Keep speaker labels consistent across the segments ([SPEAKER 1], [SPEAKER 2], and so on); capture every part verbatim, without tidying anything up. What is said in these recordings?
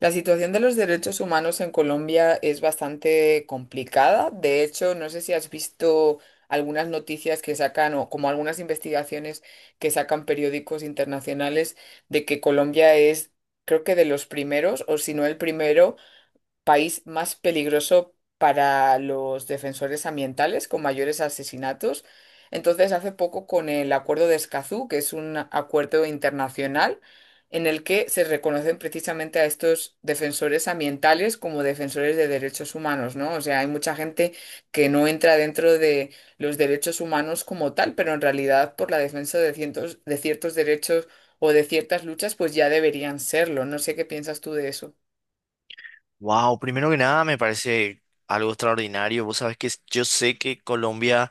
[SPEAKER 1] La situación de los derechos humanos en Colombia es bastante complicada. De hecho, no sé si has visto algunas noticias que sacan o como algunas investigaciones que sacan periódicos internacionales de que Colombia es, creo que de los primeros, o si no el primero país más peligroso para los defensores ambientales, con mayores asesinatos. Entonces, hace poco con el Acuerdo de Escazú, que es un acuerdo internacional en el que se reconocen precisamente a estos defensores ambientales como defensores de derechos humanos, ¿no? O sea, hay mucha gente que no entra dentro de los derechos humanos como tal, pero en realidad por la defensa de cientos- de ciertos derechos o de ciertas luchas, pues ya deberían serlo. No sé qué piensas tú de eso.
[SPEAKER 2] Wow, primero que nada me parece algo extraordinario. Vos sabés que yo sé que Colombia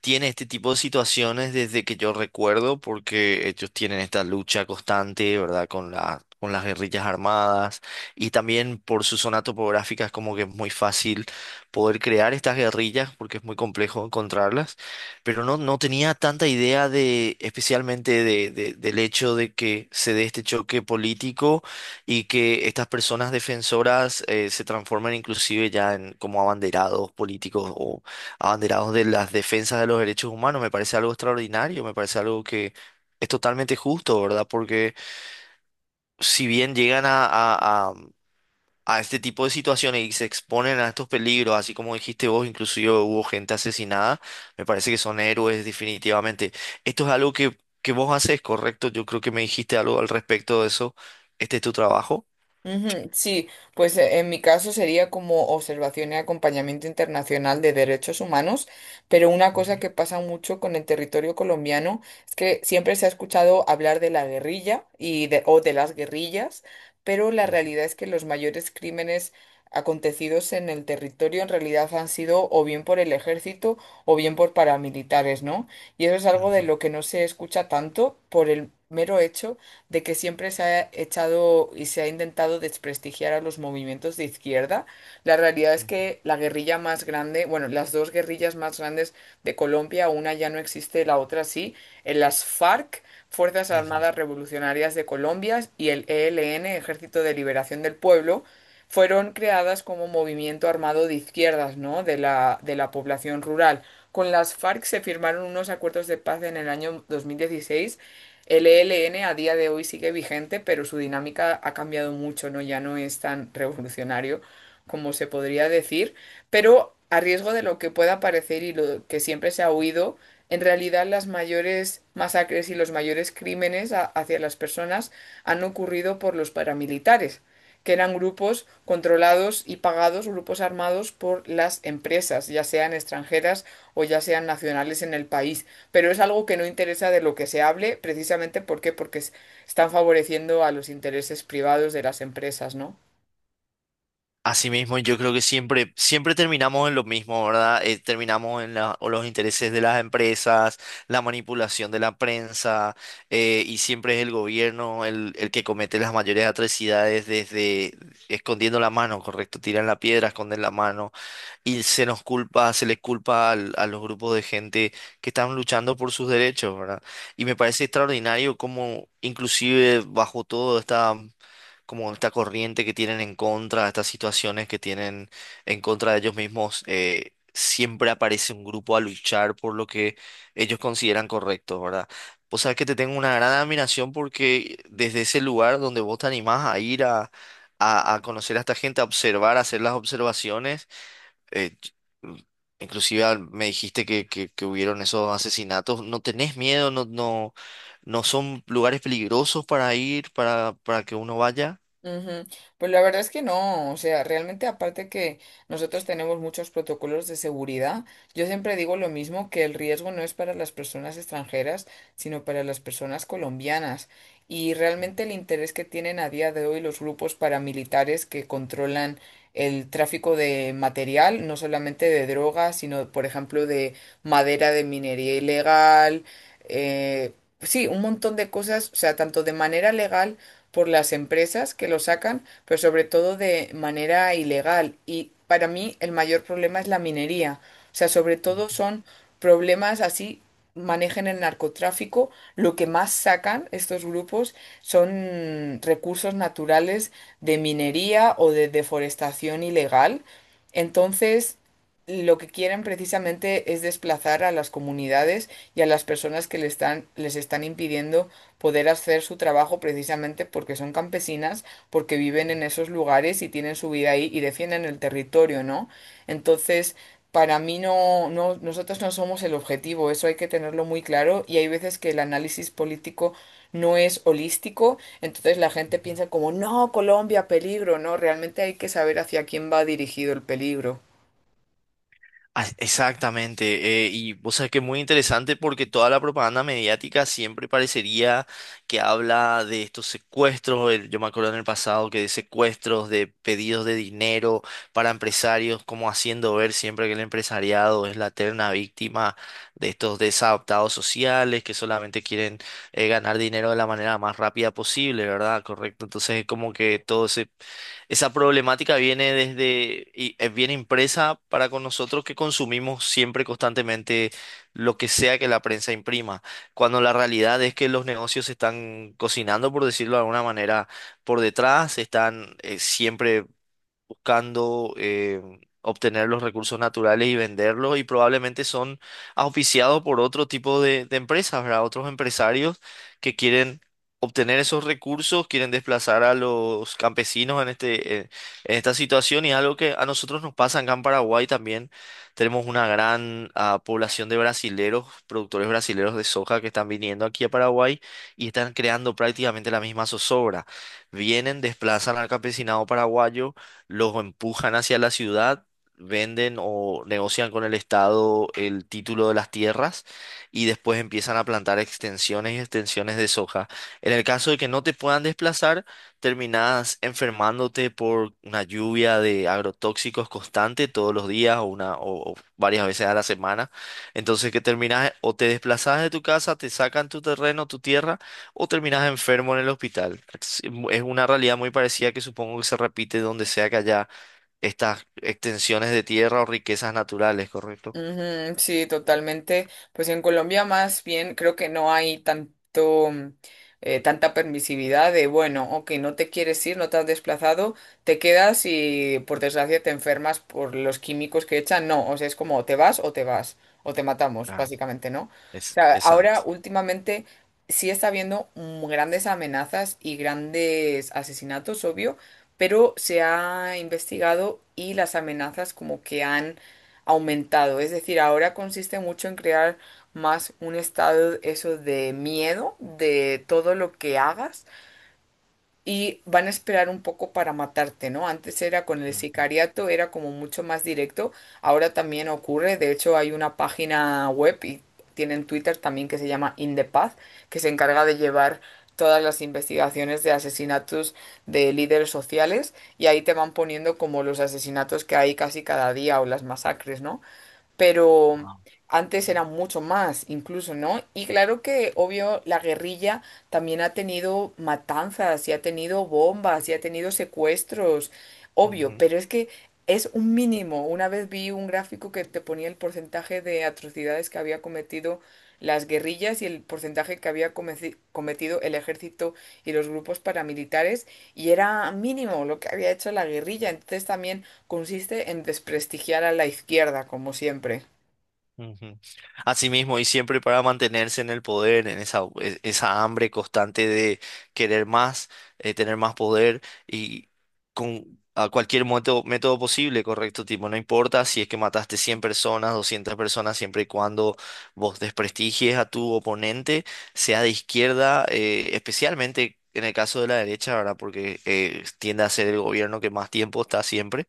[SPEAKER 2] tiene este tipo de situaciones desde que yo recuerdo, porque ellos tienen esta lucha constante, ¿verdad? Con la, con las guerrillas armadas y también por su zona topográfica es como que es muy fácil poder crear estas guerrillas porque es muy complejo encontrarlas, pero no, no tenía tanta idea de, especialmente de, de- del hecho de que se dé este choque político y que estas personas defensoras eh, se transformen inclusive ya en como abanderados políticos abanderados de las defensas de los derechos humanos. Me parece algo extraordinario, me parece algo que es totalmente justo, ¿verdad? Porque si bien llegan a, a, a- a este tipo de situaciones y se exponen a estos peligros, así como dijiste vos, inclusive hubo gente asesinada, me parece que son héroes definitivamente. Esto es algo que, que vos haces, correcto, yo creo que me dijiste algo al respecto de eso, este es tu trabajo.
[SPEAKER 1] Ujú, sí, pues eh, en mi caso sería como observación y acompañamiento internacional de derechos humanos, pero una cosa
[SPEAKER 2] Ujú,
[SPEAKER 1] que pasa mucho con el territorio colombiano es que siempre se ha escuchado hablar de la guerrilla y de, o de las guerrillas, pero la
[SPEAKER 2] ujú,
[SPEAKER 1] realidad es que los mayores crímenes acontecidos en el territorio en realidad han sido o bien por el ejército o bien por paramilitares, ¿no? Y eso es algo de
[SPEAKER 2] ujú,
[SPEAKER 1] lo que no se escucha tanto por el mero hecho de que siempre se ha echado y se ha intentado desprestigiar a los movimientos de izquierda. La realidad es
[SPEAKER 2] ujú,
[SPEAKER 1] que la guerrilla más grande, bueno, las dos guerrillas más grandes de Colombia, una ya no existe, la otra sí, en las FARC, Fuerzas
[SPEAKER 2] ujú.
[SPEAKER 1] Armadas Revolucionarias de Colombia, y el E L N, Ejército de Liberación del Pueblo, fueron creadas como movimiento armado de izquierdas, ¿no? De la, de la población rural. Con las FARC se firmaron unos acuerdos de paz en el año dos mil dieciséis. El E L N a día de hoy sigue vigente, pero su dinámica ha cambiado mucho, ¿no? Ya no es tan revolucionario como se podría decir, pero a riesgo de lo que pueda parecer y lo que siempre se ha oído, en realidad las mayores masacres y los mayores crímenes a- hacia las personas han ocurrido por los paramilitares que eran grupos controlados y pagados, grupos armados por las empresas, ya sean extranjeras o ya sean nacionales en el país. Pero es algo que no interesa de lo que se hable, precisamente ¿por qué? Porque es- están favoreciendo a los intereses privados de las empresas, ¿no?
[SPEAKER 2] Asimismo, yo creo que siempre, siempre terminamos en lo mismo, ¿verdad? Eh, terminamos en la- o los intereses de las empresas, la manipulación de la prensa, eh, y siempre es el gobierno el, el que comete las mayores atrocidades desde escondiendo la mano, ¿correcto? Tiran la piedra, esconden la mano, y se nos culpa, se les culpa al- a los grupos de gente que están luchando por sus derechos, ¿verdad? Y me parece extraordinario cómo, inclusive bajo todo esta como esta corriente que tienen en contra, estas situaciones que tienen en contra de ellos mismos, eh, siempre aparece un grupo a luchar por lo que ellos consideran correcto, ¿verdad? Vos sabés que te tengo una gran admiración porque desde ese lugar donde vos te animás a ir a, a, a conocer a esta gente, a observar, a hacer las observaciones. eh, Inclusive al- me dijiste que, que, que hubieron esos asesinatos. ¿No tenés miedo? ¿No, no, no son lugares peligrosos para ir, para, para que uno vaya?
[SPEAKER 1] Ujú. Pues la verdad es que no, o sea, realmente aparte que nosotros tenemos muchos protocolos de seguridad, yo siempre digo lo mismo, que el riesgo no es para las personas extranjeras, sino para las personas colombianas. Y realmente el interés que tienen a día de hoy los grupos paramilitares que controlan el tráfico de material, no solamente de drogas, sino, por ejemplo, de madera de minería ilegal, eh, sí, un montón de cosas, o sea, tanto de manera legal por las empresas que lo sacan, pero sobre todo de manera ilegal. Y para mí el mayor problema es la minería. O sea, sobre todo son problemas así manejen el narcotráfico, lo que más sacan estos grupos son recursos naturales de minería o de deforestación ilegal. Entonces, lo que quieren precisamente es desplazar a las comunidades y a las personas que le están- les están impidiendo poder hacer su trabajo precisamente porque son campesinas, porque viven en esos lugares y tienen su vida ahí y defienden el territorio, ¿no? Entonces, para mí no, no, nosotros no somos el objetivo, eso hay que tenerlo muy claro y hay veces que el análisis político no es holístico, entonces la gente piensa como, no, Colombia, peligro, no, realmente hay que saber hacia quién va dirigido el peligro.
[SPEAKER 2] Ah, exactamente, eh, y o sea que es muy interesante porque toda la propaganda mediática siempre parecería que habla de estos secuestros, el- yo me acuerdo en el pasado que de secuestros, de pedidos de dinero para empresarios, como haciendo ver siempre que el empresariado es la eterna víctima de estos desadaptados sociales que solamente quieren eh, ganar dinero de la manera más rápida posible, ¿verdad? Correcto, entonces es como que todo se esa problemática viene desde, y eh, viene impresa para con nosotros que consumimos siempre constantemente lo que sea que la prensa imprima, cuando la realidad es que los negocios se están cocinando, por decirlo de alguna manera, por detrás. Están eh, siempre buscando eh, obtener los recursos naturales y venderlos, y probablemente son auspiciados por otro tipo de, de empresas, ¿verdad? Otros empresarios que quieren obtener esos recursos, quieren desplazar a los campesinos en este, eh, en esta situación, y es algo que a nosotros nos pasa acá en Paraguay también. Tenemos una gran ah, población de brasileros, productores brasileros de soja que están viniendo aquí a Paraguay y están creando prácticamente la misma zozobra. Vienen, desplazan al campesinado paraguayo, los empujan hacia la ciudad, venden o negocian con el Estado el título de las tierras y después empiezan a plantar extensiones y extensiones de soja. En el caso de que no te puedan desplazar, terminás enfermándote por una lluvia de agrotóxicos constante todos los días o, una, o o varias veces a la semana. Entonces que terminás o te desplazás de tu casa, te sacan tu terreno, tu tierra, o terminas enfermo en el hospital. Es es una realidad muy parecida que supongo que se repite donde sea que haya estas extensiones de tierra o riquezas naturales, ¿correcto?
[SPEAKER 1] Ujú, sí, totalmente. Pues en Colombia más bien creo que no hay tanto, mm, eh, tanta permisividad de, bueno, ok, no te quieres ir, no te has desplazado, te quedas y por desgracia te enfermas por los químicos que echan. No, o sea, es como o te vas o te vas, o te matamos,
[SPEAKER 2] Claro.
[SPEAKER 1] básicamente, ¿no? O
[SPEAKER 2] Es,
[SPEAKER 1] sea,
[SPEAKER 2] exacto.
[SPEAKER 1] ahora últimamente sí está habiendo mm, grandes amenazas y grandes asesinatos, obvio, pero se ha investigado y las amenazas como que han aumentado. Es decir, ahora consiste mucho en crear más un estado eso de miedo de todo lo que hagas y van a esperar un poco para matarte, ¿no? Antes era con el
[SPEAKER 2] Ujú.
[SPEAKER 1] sicariato, era como mucho más directo, ahora también ocurre, de hecho hay una página web y tienen Twitter también que se llama In the Path, que se encarga de llevar todas las investigaciones de asesinatos de líderes sociales y ahí te van poniendo como los asesinatos que hay casi cada día o las masacres, ¿no? Pero antes eran mucho más, incluso, ¿no? Y claro que, obvio, la guerrilla también ha tenido matanzas y ha tenido bombas y ha tenido secuestros, obvio,
[SPEAKER 2] Ujú.
[SPEAKER 1] pero es que es un mínimo. Una vez vi un gráfico que te ponía el porcentaje de atrocidades que había cometido las guerrillas y el porcentaje que había comeci- cometido el ejército y los grupos paramilitares y era mínimo lo que había hecho la guerrilla. Entonces también consiste en desprestigiar a la izquierda, como siempre.
[SPEAKER 2] Ujú. Así mismo, y siempre para mantenerse en el poder, en esa, e- esa hambre constante de querer más, eh, tener más poder, y con a cualquier método, método posible, correcto, tipo, no importa si es que mataste cien personas, doscientas personas, siempre y cuando vos desprestigies a tu oponente, sea de izquierda, eh, especialmente en el caso de la derecha, ¿verdad? Porque eh, tiende a ser el gobierno que más tiempo está siempre.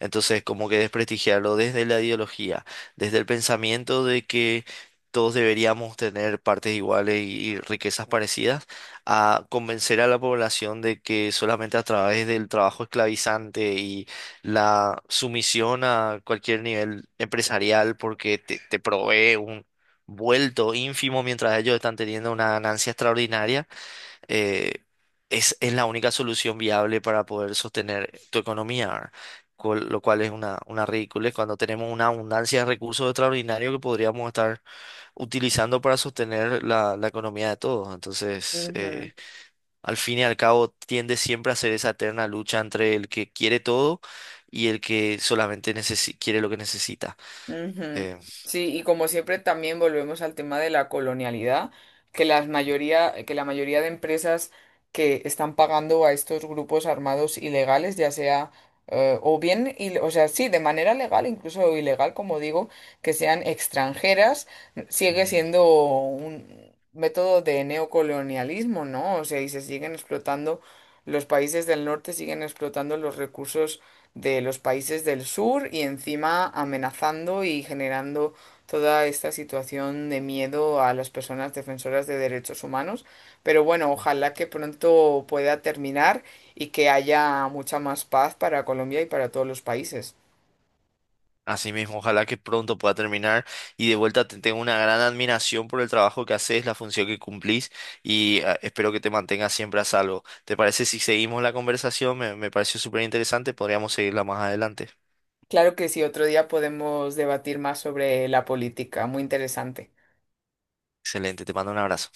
[SPEAKER 2] Entonces, como que desprestigiarlo desde la ideología, desde el pensamiento de que todos deberíamos tener partes iguales y y riquezas parecidas, a convencer a la población de que solamente a través del trabajo esclavizante y la sumisión a cualquier nivel empresarial, porque te, te provee un vuelto ínfimo mientras ellos están teniendo una ganancia extraordinaria. eh, es, es la única solución viable para poder sostener tu economía, ¿verdad? Cual- lo cual es una, una ridiculez cuando tenemos una abundancia de recursos extraordinarios que podríamos estar utilizando para sostener la, la economía de todos. Entonces, eh, al fin y al cabo, tiende siempre a ser esa eterna lucha entre el que quiere todo y el que solamente necesi- quiere lo que necesita.
[SPEAKER 1] Ujú.
[SPEAKER 2] Eh,
[SPEAKER 1] Sí, y como siempre también volvemos al tema de la colonialidad, que las mayoría, que la mayoría de empresas que están pagando a estos grupos armados ilegales, ya sea eh, o bien, il- o sea, sí, de manera legal, incluso ilegal, como digo, que sean extranjeras,
[SPEAKER 2] Ujú.
[SPEAKER 1] sigue
[SPEAKER 2] Ujú.
[SPEAKER 1] siendo un método de neocolonialismo, ¿no? O sea, y se siguen explotando, los países del norte siguen explotando los recursos de los países del sur y encima amenazando y generando toda esta situación de miedo a las personas defensoras de derechos humanos. Pero bueno, ojalá que pronto pueda terminar y que haya mucha más paz para Colombia y para todos los países.
[SPEAKER 2] Así mismo, ojalá que pronto pueda terminar, y de vuelta te tengo una gran admiración por el trabajo que haces, la función que cumplís y ah, espero que te mantengas siempre a salvo. ¿Te parece si seguimos la conversación? Me, me pareció súper interesante, podríamos seguirla más adelante.
[SPEAKER 1] Claro que sí, otro día podemos debatir más sobre la política, muy interesante.
[SPEAKER 2] Excelente, te mando un abrazo.